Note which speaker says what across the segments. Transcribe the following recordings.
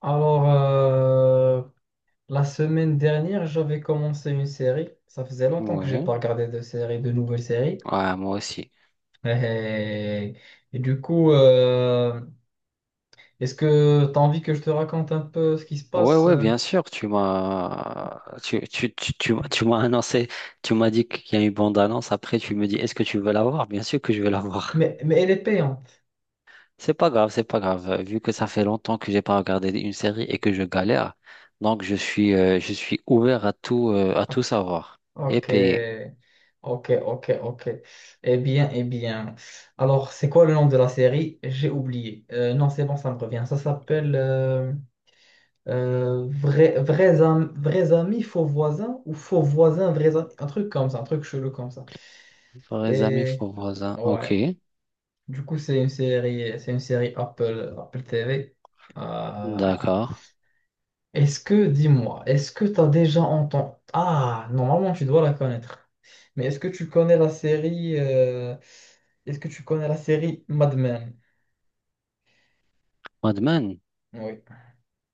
Speaker 1: Alors, euh, la semaine dernière, j'avais commencé une série. Ça faisait longtemps que j'ai pas
Speaker 2: Ouais,
Speaker 1: regardé de série, de nouvelles séries.
Speaker 2: ouais, moi aussi.
Speaker 1: Et, et du coup, est-ce que tu as envie que je te raconte un peu ce qui se
Speaker 2: Ouais,
Speaker 1: passe?
Speaker 2: ouais,
Speaker 1: euh
Speaker 2: bien sûr, tu m'as annoncé, tu m'as dit qu'il y a une bande-annonce, après tu me dis est-ce que tu veux la voir? Bien sûr que je vais la voir.
Speaker 1: Mais elle est payante.
Speaker 2: C'est pas grave, vu que ça fait longtemps que j'ai pas regardé une série et que je galère, donc je suis ouvert à tout
Speaker 1: Ah,
Speaker 2: savoir et
Speaker 1: ok,
Speaker 2: payer.
Speaker 1: ok, ok, ok. Eh bien, eh bien. Alors, c'est quoi le nom de la série? J'ai oublié. Non, c'est bon, ça me revient. Ça s'appelle vrais amis, faux voisins ou faux voisins, vrais amis. Un truc comme ça, un truc chelou comme ça.
Speaker 2: Vrais amis,
Speaker 1: Et
Speaker 2: faux voisins. OK.
Speaker 1: ouais, du coup, c'est une série Apple, Apple TV. Euh,
Speaker 2: D'accord.
Speaker 1: est-ce que, dis-moi, est-ce que tu as déjà entendu... Ah, normalement, tu dois la connaître. Mais est-ce que tu connais la série... Est-ce que tu connais la série Mad Men?
Speaker 2: Mad Men?
Speaker 1: Oui.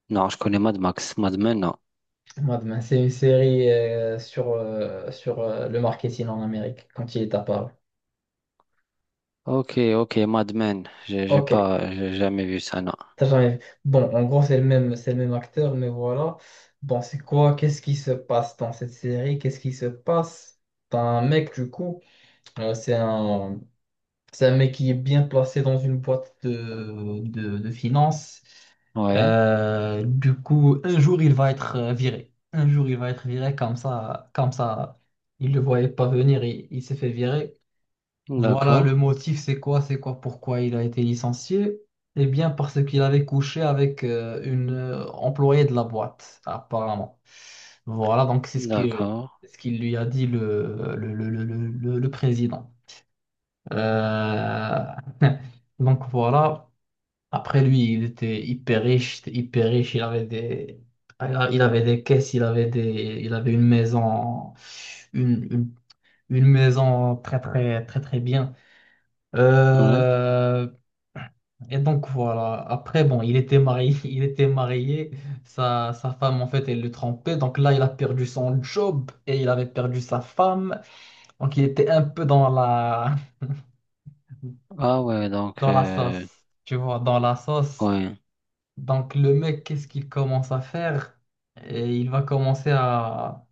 Speaker 2: Non, je connais Mad Max. Mad Men, non.
Speaker 1: Mad Men, c'est une série sur, sur le marketing en Amérique quand il est apparu.
Speaker 2: Ok, ok, Mad Men. J'ai
Speaker 1: Ok,
Speaker 2: pas, j'ai jamais vu ça, non.
Speaker 1: t'as jamais vu. Bon, en gros, c'est le même acteur, mais voilà. Bon, c'est quoi? Qu'est-ce qui se passe dans cette série? Qu'est-ce qui se passe? T'as un mec, du coup, euh, c'est un, c'est un mec qui est bien placé dans une boîte de finances.
Speaker 2: Ouais,
Speaker 1: Du coup, un jour, il va être viré. Un jour, il va être viré comme ça, comme ça. Il ne le voyait pas venir, il s'est fait virer. Voilà,
Speaker 2: d'accord,
Speaker 1: le motif, c'est quoi? C'est quoi? Pourquoi il a été licencié? Eh bien, parce qu'il avait couché avec une employée de la boîte, apparemment. Voilà, donc c'est ce que,
Speaker 2: d'accord,
Speaker 1: Ce qu'il lui a dit le président. Euh, Donc voilà, après lui, il était hyper riche, c'était hyper riche, il avait des caisses, il avait une maison, une, une une maison très très très très bien.
Speaker 2: ouais.
Speaker 1: Euh, et donc voilà. Après, bon, il était marié, il était marié. Sa femme, en fait, elle le trompait. Donc là, il a perdu son job et il avait perdu sa femme. Donc il était un peu
Speaker 2: Ah ouais, donc,
Speaker 1: dans la sauce. Tu vois, dans la sauce.
Speaker 2: ouais,
Speaker 1: Donc le mec, qu'est-ce qu'il commence à faire? Et il va commencer à,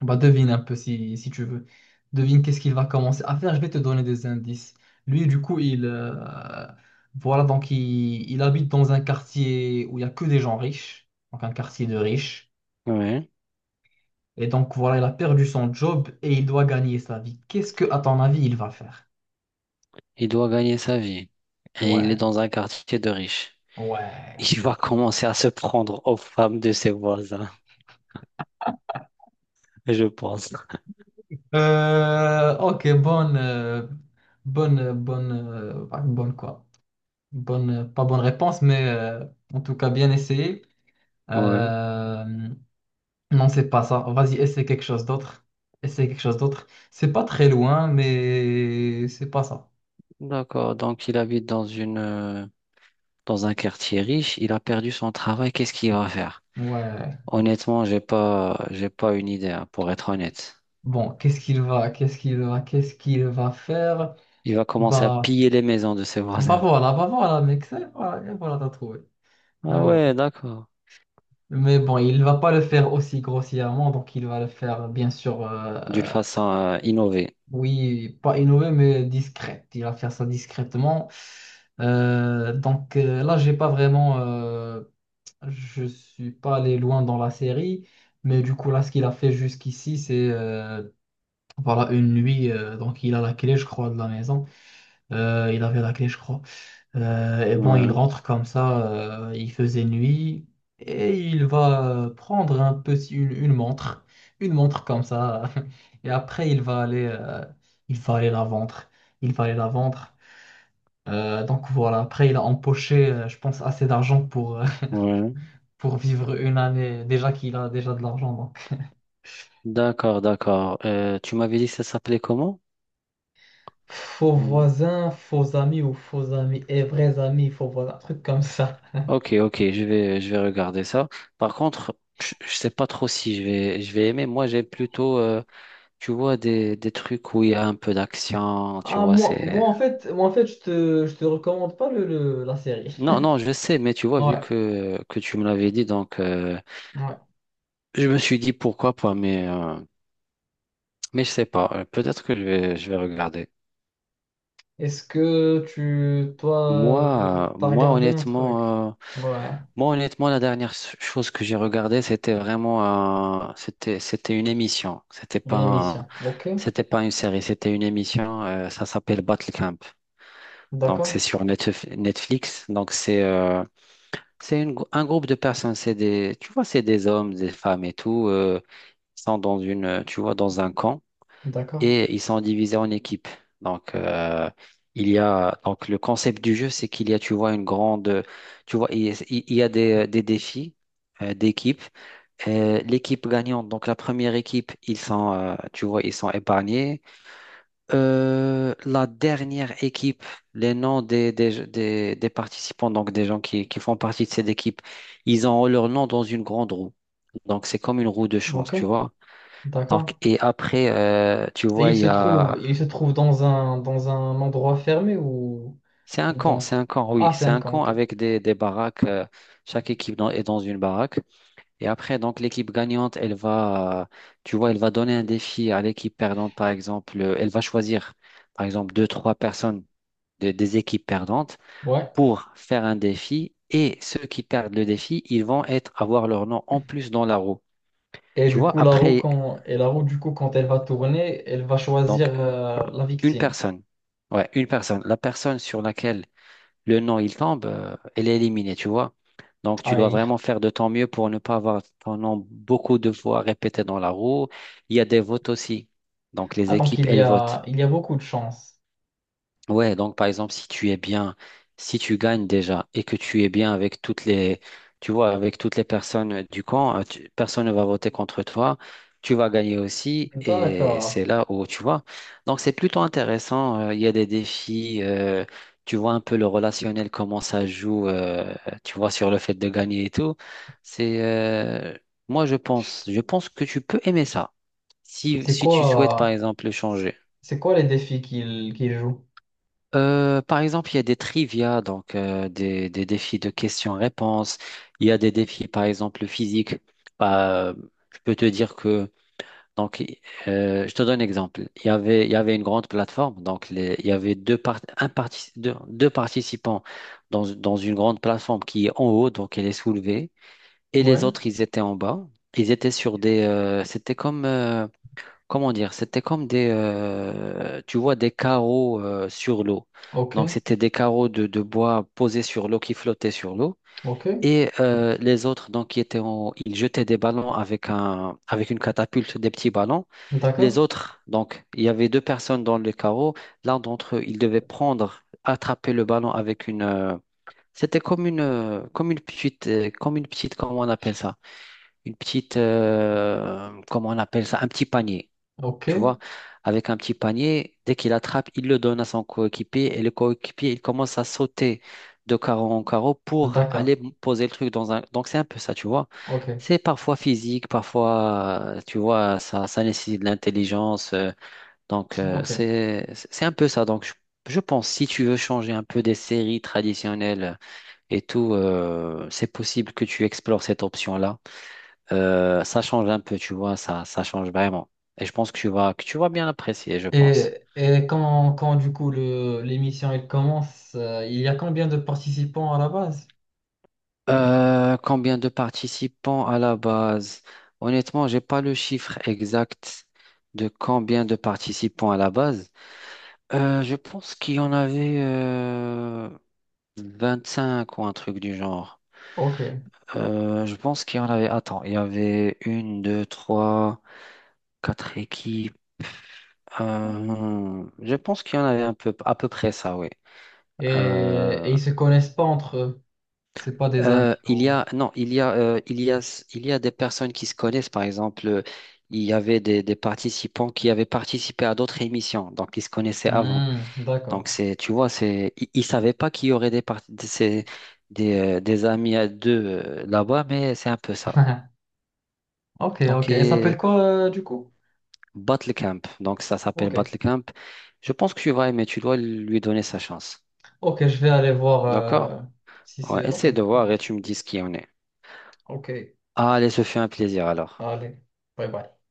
Speaker 1: bah, devine un peu si, si tu veux. Devine qu'est-ce qu'il va commencer à faire. Je vais te donner des indices. Lui, du coup, voilà, donc il habite dans un quartier où il n'y a que des gens riches, donc un quartier de riches.
Speaker 2: ouais.
Speaker 1: Et donc, voilà, il a perdu son job et il doit gagner sa vie. Qu'est-ce que, à ton avis, il va faire?
Speaker 2: Il doit gagner sa vie. Et il est
Speaker 1: Ouais,
Speaker 2: dans un quartier de riches.
Speaker 1: ouais.
Speaker 2: Il va commencer à se prendre aux femmes de ses voisins, je pense.
Speaker 1: Ok, bonne quoi? Bonne, pas bonne réponse, mais en tout cas, bien essayé.
Speaker 2: Ouais,
Speaker 1: Euh, Non, c'est pas ça. Vas-y, essaie quelque chose d'autre. Essaie quelque chose d'autre. C'est pas très loin, mais c'est pas ça.
Speaker 2: d'accord. Donc, il habite dans une, dans un quartier riche. Il a perdu son travail. Qu'est-ce qu'il va faire?
Speaker 1: Ouais.
Speaker 2: Honnêtement, j'ai pas une idée, hein, pour être honnête.
Speaker 1: Bon, qu'est-ce qu'il va faire?
Speaker 2: Il va commencer à
Speaker 1: Bah,
Speaker 2: piller les maisons de ses voisins.
Speaker 1: Bah voilà, mec. Voilà, et voilà, t'as trouvé. Et
Speaker 2: Ah
Speaker 1: voilà.
Speaker 2: ouais, d'accord.
Speaker 1: Mais bon, il va pas le faire aussi grossièrement, donc il va le faire, bien sûr,
Speaker 2: D'une façon, innovée.
Speaker 1: oui, pas innové, mais discret. Il va faire ça discrètement. Donc là, j'ai pas vraiment. Je suis pas allé loin dans la série, mais du coup, là, ce qu'il a fait jusqu'ici, c'est voilà, une nuit. Donc, il a la clé, je crois, de la maison. Il avait la clé, je crois. Et bon, il
Speaker 2: Ouais,
Speaker 1: rentre comme ça. Il faisait nuit. Et il va prendre une montre. Une montre comme ça. Et après, il va il va aller la vendre. Il va aller la vendre. Donc, voilà. Après, il a empoché, je pense, assez d'argent
Speaker 2: ouais.
Speaker 1: pour vivre une année, déjà qu'il a déjà de l'argent. Donc,
Speaker 2: D'accord, d'accord. Tu m'avais dit que ça s'appelait comment?
Speaker 1: faux
Speaker 2: Hmm.
Speaker 1: voisins, faux amis ou faux amis et vrais amis, faux voisins, un truc comme ça.
Speaker 2: Ok, ok, je vais regarder ça. Par contre, je sais pas trop si je vais aimer. Moi, j'aime plutôt, tu vois, des trucs où il y a un peu d'action, tu
Speaker 1: Ah,
Speaker 2: vois, c'est...
Speaker 1: moi, en fait, je te recommande pas la série.
Speaker 2: Non, non, je sais, mais tu vois, vu
Speaker 1: Ouais,
Speaker 2: que tu me l'avais dit, donc,
Speaker 1: ouais.
Speaker 2: je me suis dit pourquoi pas, mais je sais pas. Peut-être que je vais regarder.
Speaker 1: Est-ce que tu, toi,
Speaker 2: Moi,
Speaker 1: t'as regardé un truc?
Speaker 2: honnêtement,
Speaker 1: Ouais,
Speaker 2: moi, honnêtement, la chose que j'ai regardée, c'était, c'était une émission. C'était pas,
Speaker 1: une émission. Ok,
Speaker 2: c'était pas une série, c'était une émission. Ça s'appelle Battle Camp. Donc,
Speaker 1: d'accord,
Speaker 2: c'est sur Netflix. Donc, c'est une un groupe de personnes. C'est des, tu vois, c'est des hommes, des femmes et tout, sont dans une, tu vois, dans un camp
Speaker 1: d'accord,
Speaker 2: et ils sont divisés en équipes. Donc, il y a, donc le concept du jeu, c'est qu'il y a, tu vois, une grande, tu vois, il y a des défis d'équipe. L'équipe gagnante, donc la première équipe, ils sont, tu vois, ils sont épargnés. La dernière équipe, les noms des participants, donc des gens qui font partie de cette équipe, ils ont leur nom dans une grande roue. Donc, c'est comme une roue de chance,
Speaker 1: ok,
Speaker 2: tu vois. Donc,
Speaker 1: d'accord.
Speaker 2: et après, tu
Speaker 1: Et
Speaker 2: vois, il y a
Speaker 1: il se trouve dans un endroit fermé ou,
Speaker 2: c'est un
Speaker 1: ou
Speaker 2: camp,
Speaker 1: dans...
Speaker 2: c'est un camp, oui.
Speaker 1: Ah, c'est
Speaker 2: C'est
Speaker 1: un
Speaker 2: un
Speaker 1: camp,
Speaker 2: camp
Speaker 1: ok.
Speaker 2: avec des baraques. Chaque équipe est dans une baraque. Et après, donc, l'équipe gagnante, elle va, tu vois, elle va donner un défi à l'équipe perdante, par exemple. Elle va choisir, par exemple, deux, trois personnes des équipes perdantes
Speaker 1: Ouais.
Speaker 2: pour faire un défi. Et ceux qui perdent le défi, ils vont être, avoir leur nom en plus dans la roue.
Speaker 1: Et
Speaker 2: Tu
Speaker 1: du
Speaker 2: vois,
Speaker 1: coup,
Speaker 2: après,
Speaker 1: la roue, du coup, quand elle va tourner, elle va
Speaker 2: donc,
Speaker 1: choisir la
Speaker 2: une
Speaker 1: victime.
Speaker 2: personne. Ouais, une personne. La personne sur laquelle le nom il tombe, elle est éliminée, tu vois. Donc, tu dois
Speaker 1: Aïe.
Speaker 2: vraiment faire de ton mieux pour ne pas avoir ton nom beaucoup de fois répété dans la roue. Il y a des votes aussi. Donc, les
Speaker 1: Ah, donc
Speaker 2: équipes, elles votent.
Speaker 1: il y a beaucoup de chance.
Speaker 2: Ouais, donc par exemple, si tu es bien, si tu gagnes déjà et que tu es bien avec toutes les, tu vois, avec toutes les personnes du camp, personne ne va voter contre toi, tu vas gagner aussi et
Speaker 1: D'accord.
Speaker 2: c'est là où, tu vois. Donc c'est plutôt intéressant, il y a des défis, tu vois un peu le relationnel, comment ça joue, tu vois, sur le fait de gagner et tout. C'est, moi je pense que tu peux aimer ça. Si,
Speaker 1: C'est
Speaker 2: si tu souhaites par
Speaker 1: quoi,
Speaker 2: exemple le
Speaker 1: c'est
Speaker 2: changer.
Speaker 1: c'est quoi les défis qu'il joue?
Speaker 2: Par exemple, il y a des trivia, donc des défis de questions-réponses. Il y a des défis, par exemple, physiques. Bah, je peux te dire que, donc, je te donne un exemple. Il y avait une grande plateforme, donc il y avait deux, deux, deux participants dans, dans une grande plateforme qui est en haut, donc elle est soulevée, et les
Speaker 1: Ouais,
Speaker 2: autres, ils étaient en bas. Ils étaient sur des, c'était comme, comment dire, c'était comme des, tu vois, des carreaux sur l'eau. Donc,
Speaker 1: ok,
Speaker 2: c'était des carreaux de bois posés sur l'eau qui flottaient sur l'eau.
Speaker 1: ok,
Speaker 2: Et les autres, donc, qui étaient ils jetaient des ballons avec un, avec une catapulte, des petits ballons. Les
Speaker 1: d'accord,
Speaker 2: autres, donc, il y avait deux personnes dans le carreau. L'un d'entre eux, il devait prendre, attraper le ballon avec une. C'était comme une petite, comment on appelle ça? Une petite, comment on appelle ça? Un petit panier.
Speaker 1: ok,
Speaker 2: Tu vois, avec un petit panier, dès qu'il attrape, il le donne à son coéquipier et le coéquipier, il commence à sauter de carreau en carreau pour
Speaker 1: d'accord,
Speaker 2: aller poser le truc dans un. Donc, c'est un peu ça, tu vois.
Speaker 1: ok,
Speaker 2: C'est parfois physique, parfois, tu vois, ça nécessite de l'intelligence. Donc,
Speaker 1: ok.
Speaker 2: c'est un peu ça. Donc, je pense, si tu veux changer un peu des séries traditionnelles et tout, c'est possible que tu explores cette option-là. Ça change un peu, tu vois, ça change vraiment. Et je pense que tu vas bien apprécier, je pense.
Speaker 1: Et quand, quand du coup l'émission elle commence, il y a combien de participants à la base?
Speaker 2: Combien de participants à la base? Honnêtement, j'ai pas le chiffre exact de combien de participants à la base. Je pense qu'il y en avait 5 ou un truc du genre.
Speaker 1: Ok.
Speaker 2: Je pense qu'il y en avait. Attends, il y avait 1, 2, 3, 4 équipes. Je pense qu'il y en avait un peu, à peu près ça, oui.
Speaker 1: Et ils se connaissent pas entre eux. C'est pas des amis
Speaker 2: Il y
Speaker 1: ou...
Speaker 2: a non, il y a il y a il y a des personnes qui se connaissent. Par exemple, il y avait des participants qui avaient participé à d'autres émissions, donc ils se connaissaient avant.
Speaker 1: Hmm,
Speaker 2: Donc
Speaker 1: d'accord.
Speaker 2: c'est tu vois, c'est ils, ils savaient pas qu'il y aurait des par- de ces- des amis à deux là-bas, mais c'est un peu ça.
Speaker 1: Ok,
Speaker 2: Donc
Speaker 1: ok. Elle s'appelle
Speaker 2: et
Speaker 1: quoi du coup?
Speaker 2: Battle Camp, donc ça s'appelle
Speaker 1: Ok.
Speaker 2: Battle Camp. Je pense que tu vas aimer, tu dois lui donner sa chance.
Speaker 1: Ok, je vais aller voir
Speaker 2: D'accord?
Speaker 1: si
Speaker 2: Ouais,
Speaker 1: c'est. Ok,
Speaker 2: essaie de
Speaker 1: ça
Speaker 2: voir et tu
Speaker 1: marche.
Speaker 2: me dis ce qu'il en est.
Speaker 1: Ok,
Speaker 2: Allez, se fait un plaisir alors.
Speaker 1: allez. Bye bye.